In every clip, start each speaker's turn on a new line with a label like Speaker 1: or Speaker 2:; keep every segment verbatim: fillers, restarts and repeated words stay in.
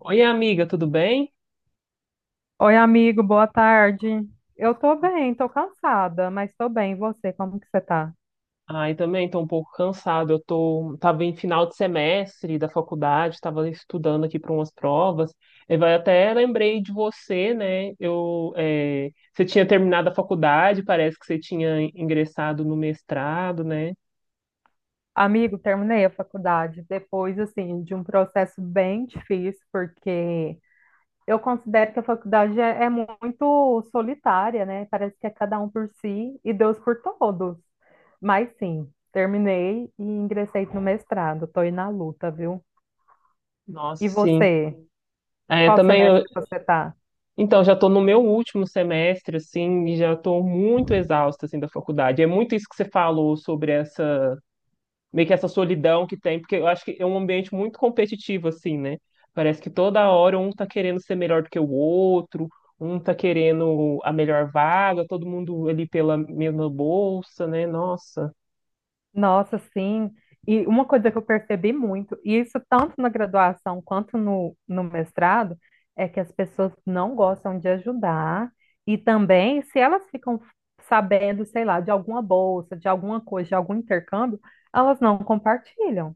Speaker 1: Oi, amiga, tudo bem?
Speaker 2: Oi, amigo, boa tarde. Eu tô bem, tô cansada, mas tô bem. E você, como que você tá?
Speaker 1: Ai, também estou um pouco cansado. Eu tô, tava em final de semestre da faculdade, estava estudando aqui para umas provas. E vai até lembrei de você, né? Eu, é, você tinha terminado a faculdade, parece que você tinha ingressado no mestrado, né?
Speaker 2: Amigo, terminei a faculdade depois, assim, de um processo bem difícil, porque eu considero que a faculdade é, é muito solitária, né? Parece que é cada um por si e Deus por todos. Mas sim, terminei e ingressei no mestrado. Estou aí na luta, viu?
Speaker 1: Nossa,
Speaker 2: E
Speaker 1: sim.
Speaker 2: você?
Speaker 1: É,
Speaker 2: Qual
Speaker 1: também eu-
Speaker 2: semestre você está?
Speaker 1: então já estou no meu último semestre assim, e já estou muito exausta assim da faculdade. É muito isso que você falou sobre essa meio que essa solidão que tem, porque eu acho que é um ambiente muito competitivo, assim, né? Parece que toda hora um tá querendo ser melhor do que o outro, um tá querendo a melhor vaga, todo mundo ali pela mesma bolsa, né? Nossa.
Speaker 2: Nossa, sim. E uma coisa que eu percebi muito, e isso tanto na graduação quanto no, no mestrado, é que as pessoas não gostam de ajudar. E também, se elas ficam sabendo, sei lá, de alguma bolsa, de alguma coisa, de algum intercâmbio, elas não compartilham.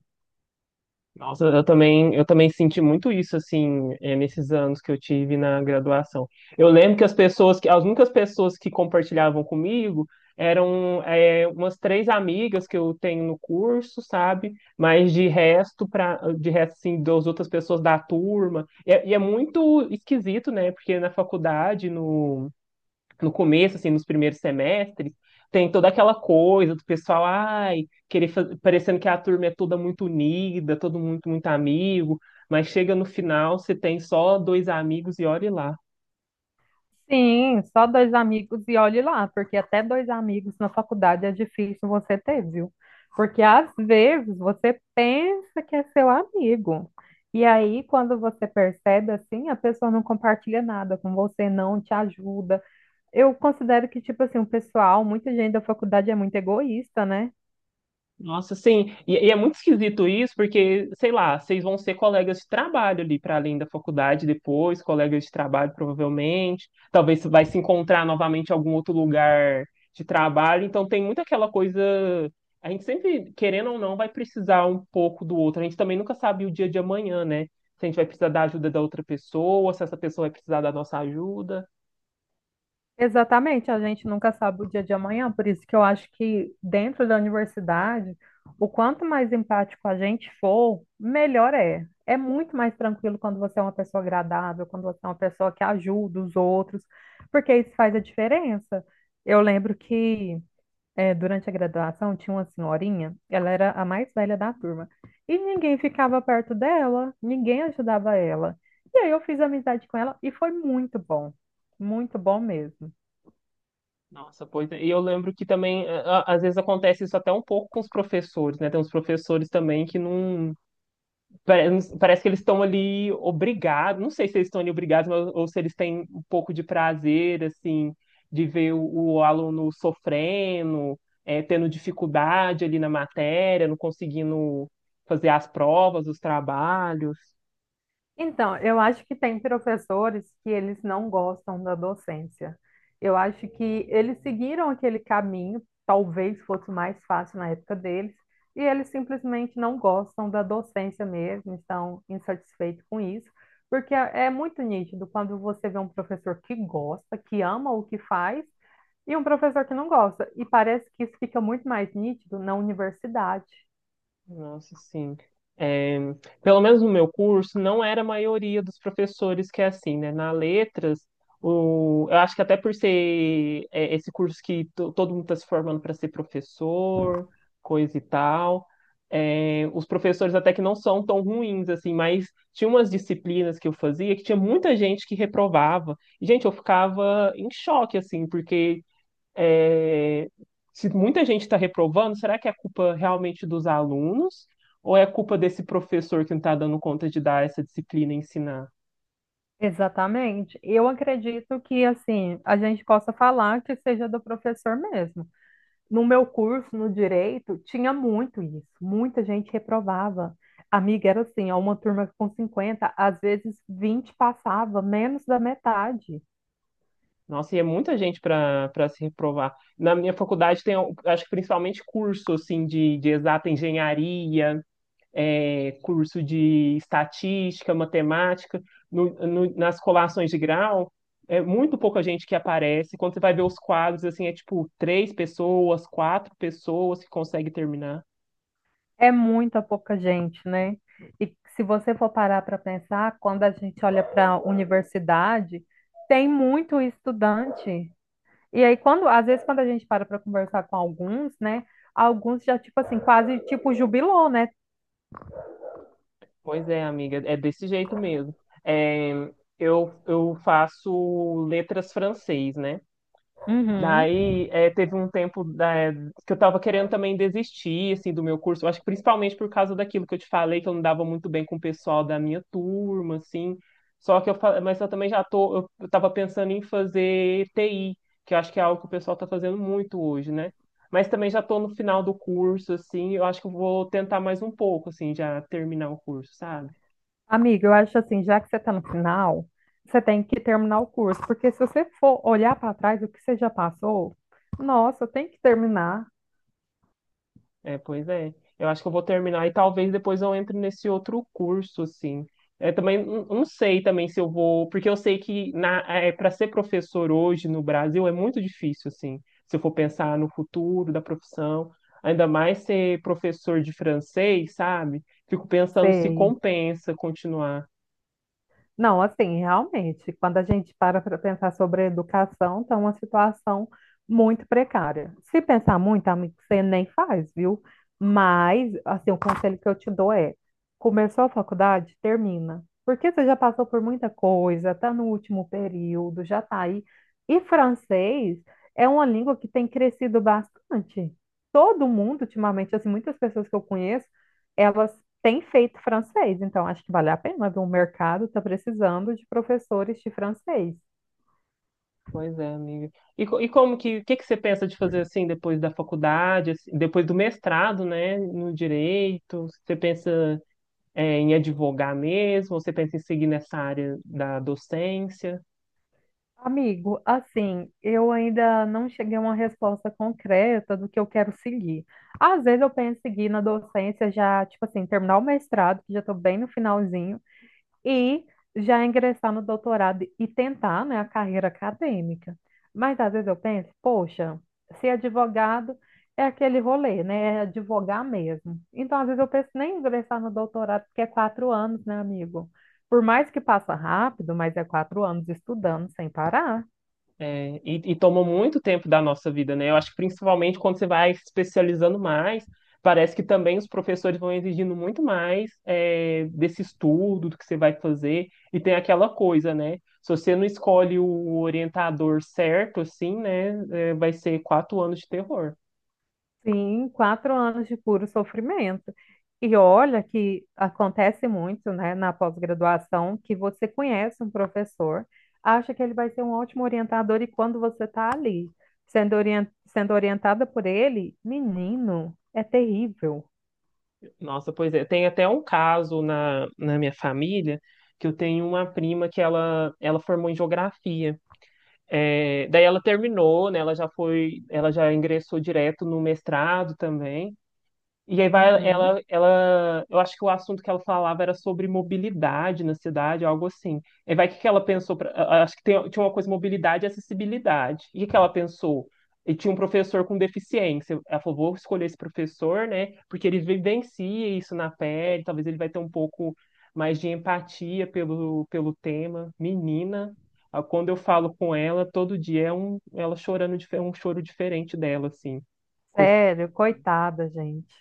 Speaker 1: Nossa, eu também, eu também senti muito isso, assim, eh, nesses anos que eu tive na graduação. Eu lembro que as pessoas, que as únicas pessoas que compartilhavam comigo eram, eh, umas três amigas que eu tenho no curso, sabe? Mas de resto, pra, de resto, assim, das outras pessoas da turma. E, é- e é muito esquisito, né? Porque na faculdade, no, no começo, assim, nos primeiros semestres, tem toda aquela coisa do pessoal, ai, querer fa- parecendo que a turma é toda muito unida, todo muito, muito amigo, mas chega no final, você tem só dois amigos e olhe lá.
Speaker 2: Sim, só dois amigos e olhe lá, porque até dois amigos na faculdade é difícil você ter, viu? Porque às vezes você pensa que é seu amigo. E aí, quando você percebe assim, a pessoa não compartilha nada com você, não te ajuda. Eu considero que, tipo assim, o pessoal, muita gente da faculdade é muito egoísta, né?
Speaker 1: Nossa, sim. E, e é muito esquisito isso, porque, sei lá, vocês vão ser colegas de trabalho ali para além da faculdade depois, colegas de trabalho provavelmente. Talvez vai se encontrar novamente em algum outro lugar de trabalho. Então tem muito aquela coisa. A gente sempre, querendo ou não, vai precisar um pouco do outro. A gente também nunca sabe o dia de amanhã, né? Se a gente vai precisar da ajuda da outra pessoa, se essa pessoa vai precisar da nossa ajuda.
Speaker 2: Exatamente, a gente nunca sabe o dia de amanhã, por isso que eu acho que dentro da universidade, o quanto mais empático a gente for, melhor é. É muito mais tranquilo quando você é uma pessoa agradável, quando você é uma pessoa que ajuda os outros, porque isso faz a diferença. Eu lembro que eh, durante a graduação tinha uma senhorinha, ela era a mais velha da turma, e ninguém ficava perto dela, ninguém ajudava ela. E aí eu fiz amizade com ela e foi muito bom, muito bom mesmo.
Speaker 1: Nossa, pois é. E eu lembro que também, a- a- às vezes acontece isso até um pouco com os professores, né? Tem uns professores também que não. Parece, parece que eles estão ali obrigados, não sei se eles estão ali obrigados, mas, ou se eles têm um pouco de prazer, assim, de ver o, o aluno sofrendo, é, tendo dificuldade ali na matéria, não conseguindo fazer as provas, os trabalhos.
Speaker 2: Então, eu acho que tem professores que eles não gostam da docência. Eu acho que eles seguiram aquele caminho, talvez fosse mais fácil na época deles, e eles simplesmente não gostam da docência mesmo, estão insatisfeitos com isso, porque é é muito nítido quando você vê um professor que gosta, que ama o que faz, e um professor que não gosta. E parece que isso fica muito mais nítido na universidade.
Speaker 1: Nossa, sim. É, pelo menos no meu curso, não era a maioria dos professores que é assim, né? Na letras, o, eu acho que até por ser é, esse curso que to- todo mundo está se formando para ser professor, coisa e tal, é, os professores até que não são tão ruins, assim, mas tinha umas disciplinas que eu fazia que tinha muita gente que reprovava. E, gente, eu ficava em choque, assim, porque é, se muita gente está reprovando, será que é culpa realmente dos alunos ou é culpa desse professor que não está dando conta de dar essa disciplina e ensinar?
Speaker 2: Exatamente. Eu acredito que assim a gente possa falar que seja do professor mesmo. No meu curso, no direito, tinha muito isso. Muita gente reprovava. Amiga, era assim, ó, uma turma com cinquenta, às vezes vinte passava, menos da metade.
Speaker 1: Nossa, e é muita gente para para se reprovar. Na minha faculdade tem, acho que principalmente curso assim de, de exata engenharia, é, curso de estatística, matemática, no- no- nas colações de grau, é muito pouca gente que aparece. Quando você vai ver os quadros, assim, é tipo três pessoas, quatro pessoas que conseguem terminar.
Speaker 2: É muita pouca gente, né? E se você for parar para pensar, quando a gente olha para a universidade, tem muito estudante. E aí, quando, às vezes, quando a gente para para conversar com alguns, né? Alguns já, tipo assim, quase tipo jubilou, né?
Speaker 1: Pois é, amiga, é desse jeito mesmo. É, eu, eu faço letras francês, né?
Speaker 2: Uhum.
Speaker 1: Daí, eh, teve um tempo, né, que eu tava querendo também desistir, assim, do meu curso. Eu acho que principalmente por causa daquilo que eu te falei, que eu não dava muito bem com o pessoal da minha turma, assim. Só que eu, fa- Mas eu também já tô, eu, eu tava pensando em fazer T I, que eu acho que é algo que o pessoal tá fazendo muito hoje, né? Mas também já tô no final do curso, assim, eu acho que eu vou tentar mais um pouco, assim, já terminar o curso, sabe?
Speaker 2: Amiga, eu acho assim, já que você está no final, você tem que terminar o curso, porque se você for olhar para trás o que você já passou, nossa, tem que terminar.
Speaker 1: É, pois é. Eu acho que eu vou terminar e talvez depois eu entre nesse outro curso, assim. É, também não não sei também se eu vou, porque eu sei que na, é, para ser professor hoje no Brasil é muito difícil, assim, se eu for pensar no futuro da profissão, ainda mais ser professor de francês, sabe? Fico pensando se
Speaker 2: Sei.
Speaker 1: compensa continuar.
Speaker 2: Não, assim, realmente, quando a gente para para pensar sobre a educação, está uma situação muito precária. Se pensar muito, amigo, você nem faz, viu? Mas, assim, o conselho que eu te dou é: começou a faculdade, termina. Porque você já passou por muita coisa, está no último período, já está aí. E francês é uma língua que tem crescido bastante. Todo mundo, ultimamente, assim, muitas pessoas que eu conheço, elas tem feito francês, então acho que vale a pena, viu? O mercado está precisando de professores de francês.
Speaker 1: Pois é, amiga. E, co- e como que, o que que você pensa de fazer assim depois da faculdade, assim, depois do mestrado, né, no direito? Você pensa é, em advogar mesmo? Você pensa em seguir nessa área da docência?
Speaker 2: Amigo, assim, eu ainda não cheguei a uma resposta concreta do que eu quero seguir. Às vezes eu penso em seguir na docência já, tipo assim, terminar o mestrado, que já estou bem no finalzinho, e já ingressar no doutorado e tentar, né, a carreira acadêmica. Mas às vezes eu penso, poxa, ser advogado é aquele rolê, né? É advogar mesmo. Então, às vezes eu penso nem em ingressar no doutorado, porque é quatro anos, né, amigo? Por mais que passa rápido, mas é quatro anos estudando sem parar.
Speaker 1: É, e, e toma muito tempo da nossa vida, né? Eu acho que principalmente quando você vai se especializando mais, parece que também os professores vão exigindo muito mais é, desse estudo, do que você vai fazer, e tem aquela coisa, né? Se você não escolhe o orientador certo, assim, né, é, vai ser quatro anos de terror.
Speaker 2: Sim, quatro anos de puro sofrimento. E olha que acontece muito, né, na pós-graduação, que você conhece um professor, acha que ele vai ser um ótimo orientador, e quando você está ali, sendo orien- sendo orientada por ele, menino, é terrível.
Speaker 1: Nossa, pois é. Tem até um caso na, na minha família que eu tenho uma prima que ela, ela formou em geografia. É, daí ela terminou, né? Ela já foi, ela já ingressou direto no mestrado também. E aí vai
Speaker 2: Uhum.
Speaker 1: ela, ela, eu acho que o assunto que ela falava era sobre mobilidade na cidade, algo assim. E vai o que que ela pensou, pra- a- acho que tem- tinha uma coisa mobilidade e acessibilidade. E o que que ela pensou? E tinha um professor com deficiência. Ela falou, vou escolher esse professor, né? Porque ele vivencia isso na pele, talvez ele vai ter um pouco mais de empatia pelo, pelo tema. Menina, ah, quando eu falo com ela, todo dia é um, ela chorando, dife- um choro diferente dela, assim. Coisa-
Speaker 2: Sério, coitada, gente.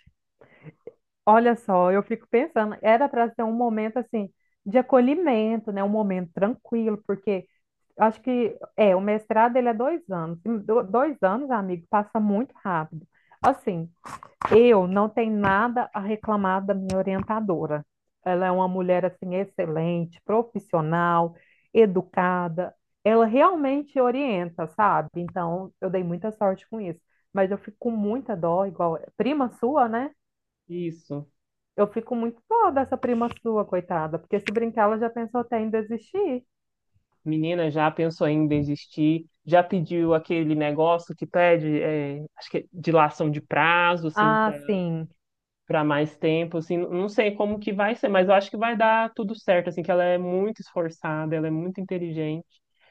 Speaker 2: Olha só, eu fico pensando, era para ser um momento assim de acolhimento, né? Um momento tranquilo, porque acho que é, o mestrado ele é dois anos. E do- Dois anos, amigo, passa muito rápido. Assim, eu não tenho nada a reclamar da minha orientadora. Ela é uma mulher assim excelente, profissional, educada. Ela realmente orienta, sabe? Então, eu dei muita sorte com isso. Mas eu fico com muita dó, igual prima sua, né?
Speaker 1: Isso.
Speaker 2: Eu fico muito dó dessa prima sua, coitada, porque se brincar, ela já pensou até em desistir.
Speaker 1: Menina, já pensou em desistir? Já pediu aquele negócio que pede, é, acho que é dilação de prazo, assim,
Speaker 2: Ah, sim,
Speaker 1: para mais tempo, assim, não sei como que vai ser, mas eu acho que vai dar tudo certo, assim, que ela é muito esforçada, ela é muito inteligente.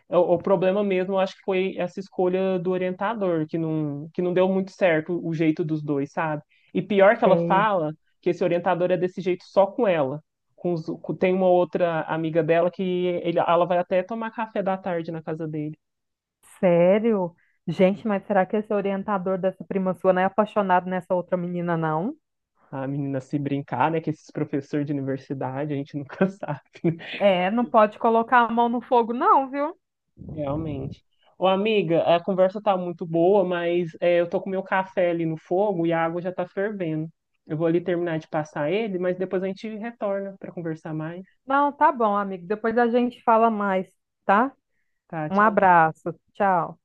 Speaker 1: O, o problema mesmo, eu acho que foi essa escolha do orientador, que não, que não deu muito certo o jeito dos dois, sabe? E pior que ela
Speaker 2: sei.
Speaker 1: fala que esse orientador é desse jeito só com ela. Com os- com- tem uma outra amiga dela que ele, ela vai até tomar café da tarde na casa dele.
Speaker 2: Sério? Gente, mas será que esse orientador dessa prima sua não é apaixonado nessa outra menina, não?
Speaker 1: A menina se brincar, né? Que esses professores de universidade, a gente nunca sabe, né?
Speaker 2: É, não pode colocar a mão no fogo, não, viu?
Speaker 1: Realmente. Ô, amiga, a conversa tá muito boa, mas é, eu tô com meu café ali no fogo e a água já tá fervendo. Eu vou ali terminar de passar ele, mas depois a gente retorna para conversar mais.
Speaker 2: Não, tá bom, amigo. Depois a gente fala mais, tá?
Speaker 1: Tá,
Speaker 2: Um
Speaker 1: tchauzinho.
Speaker 2: abraço. Tchau.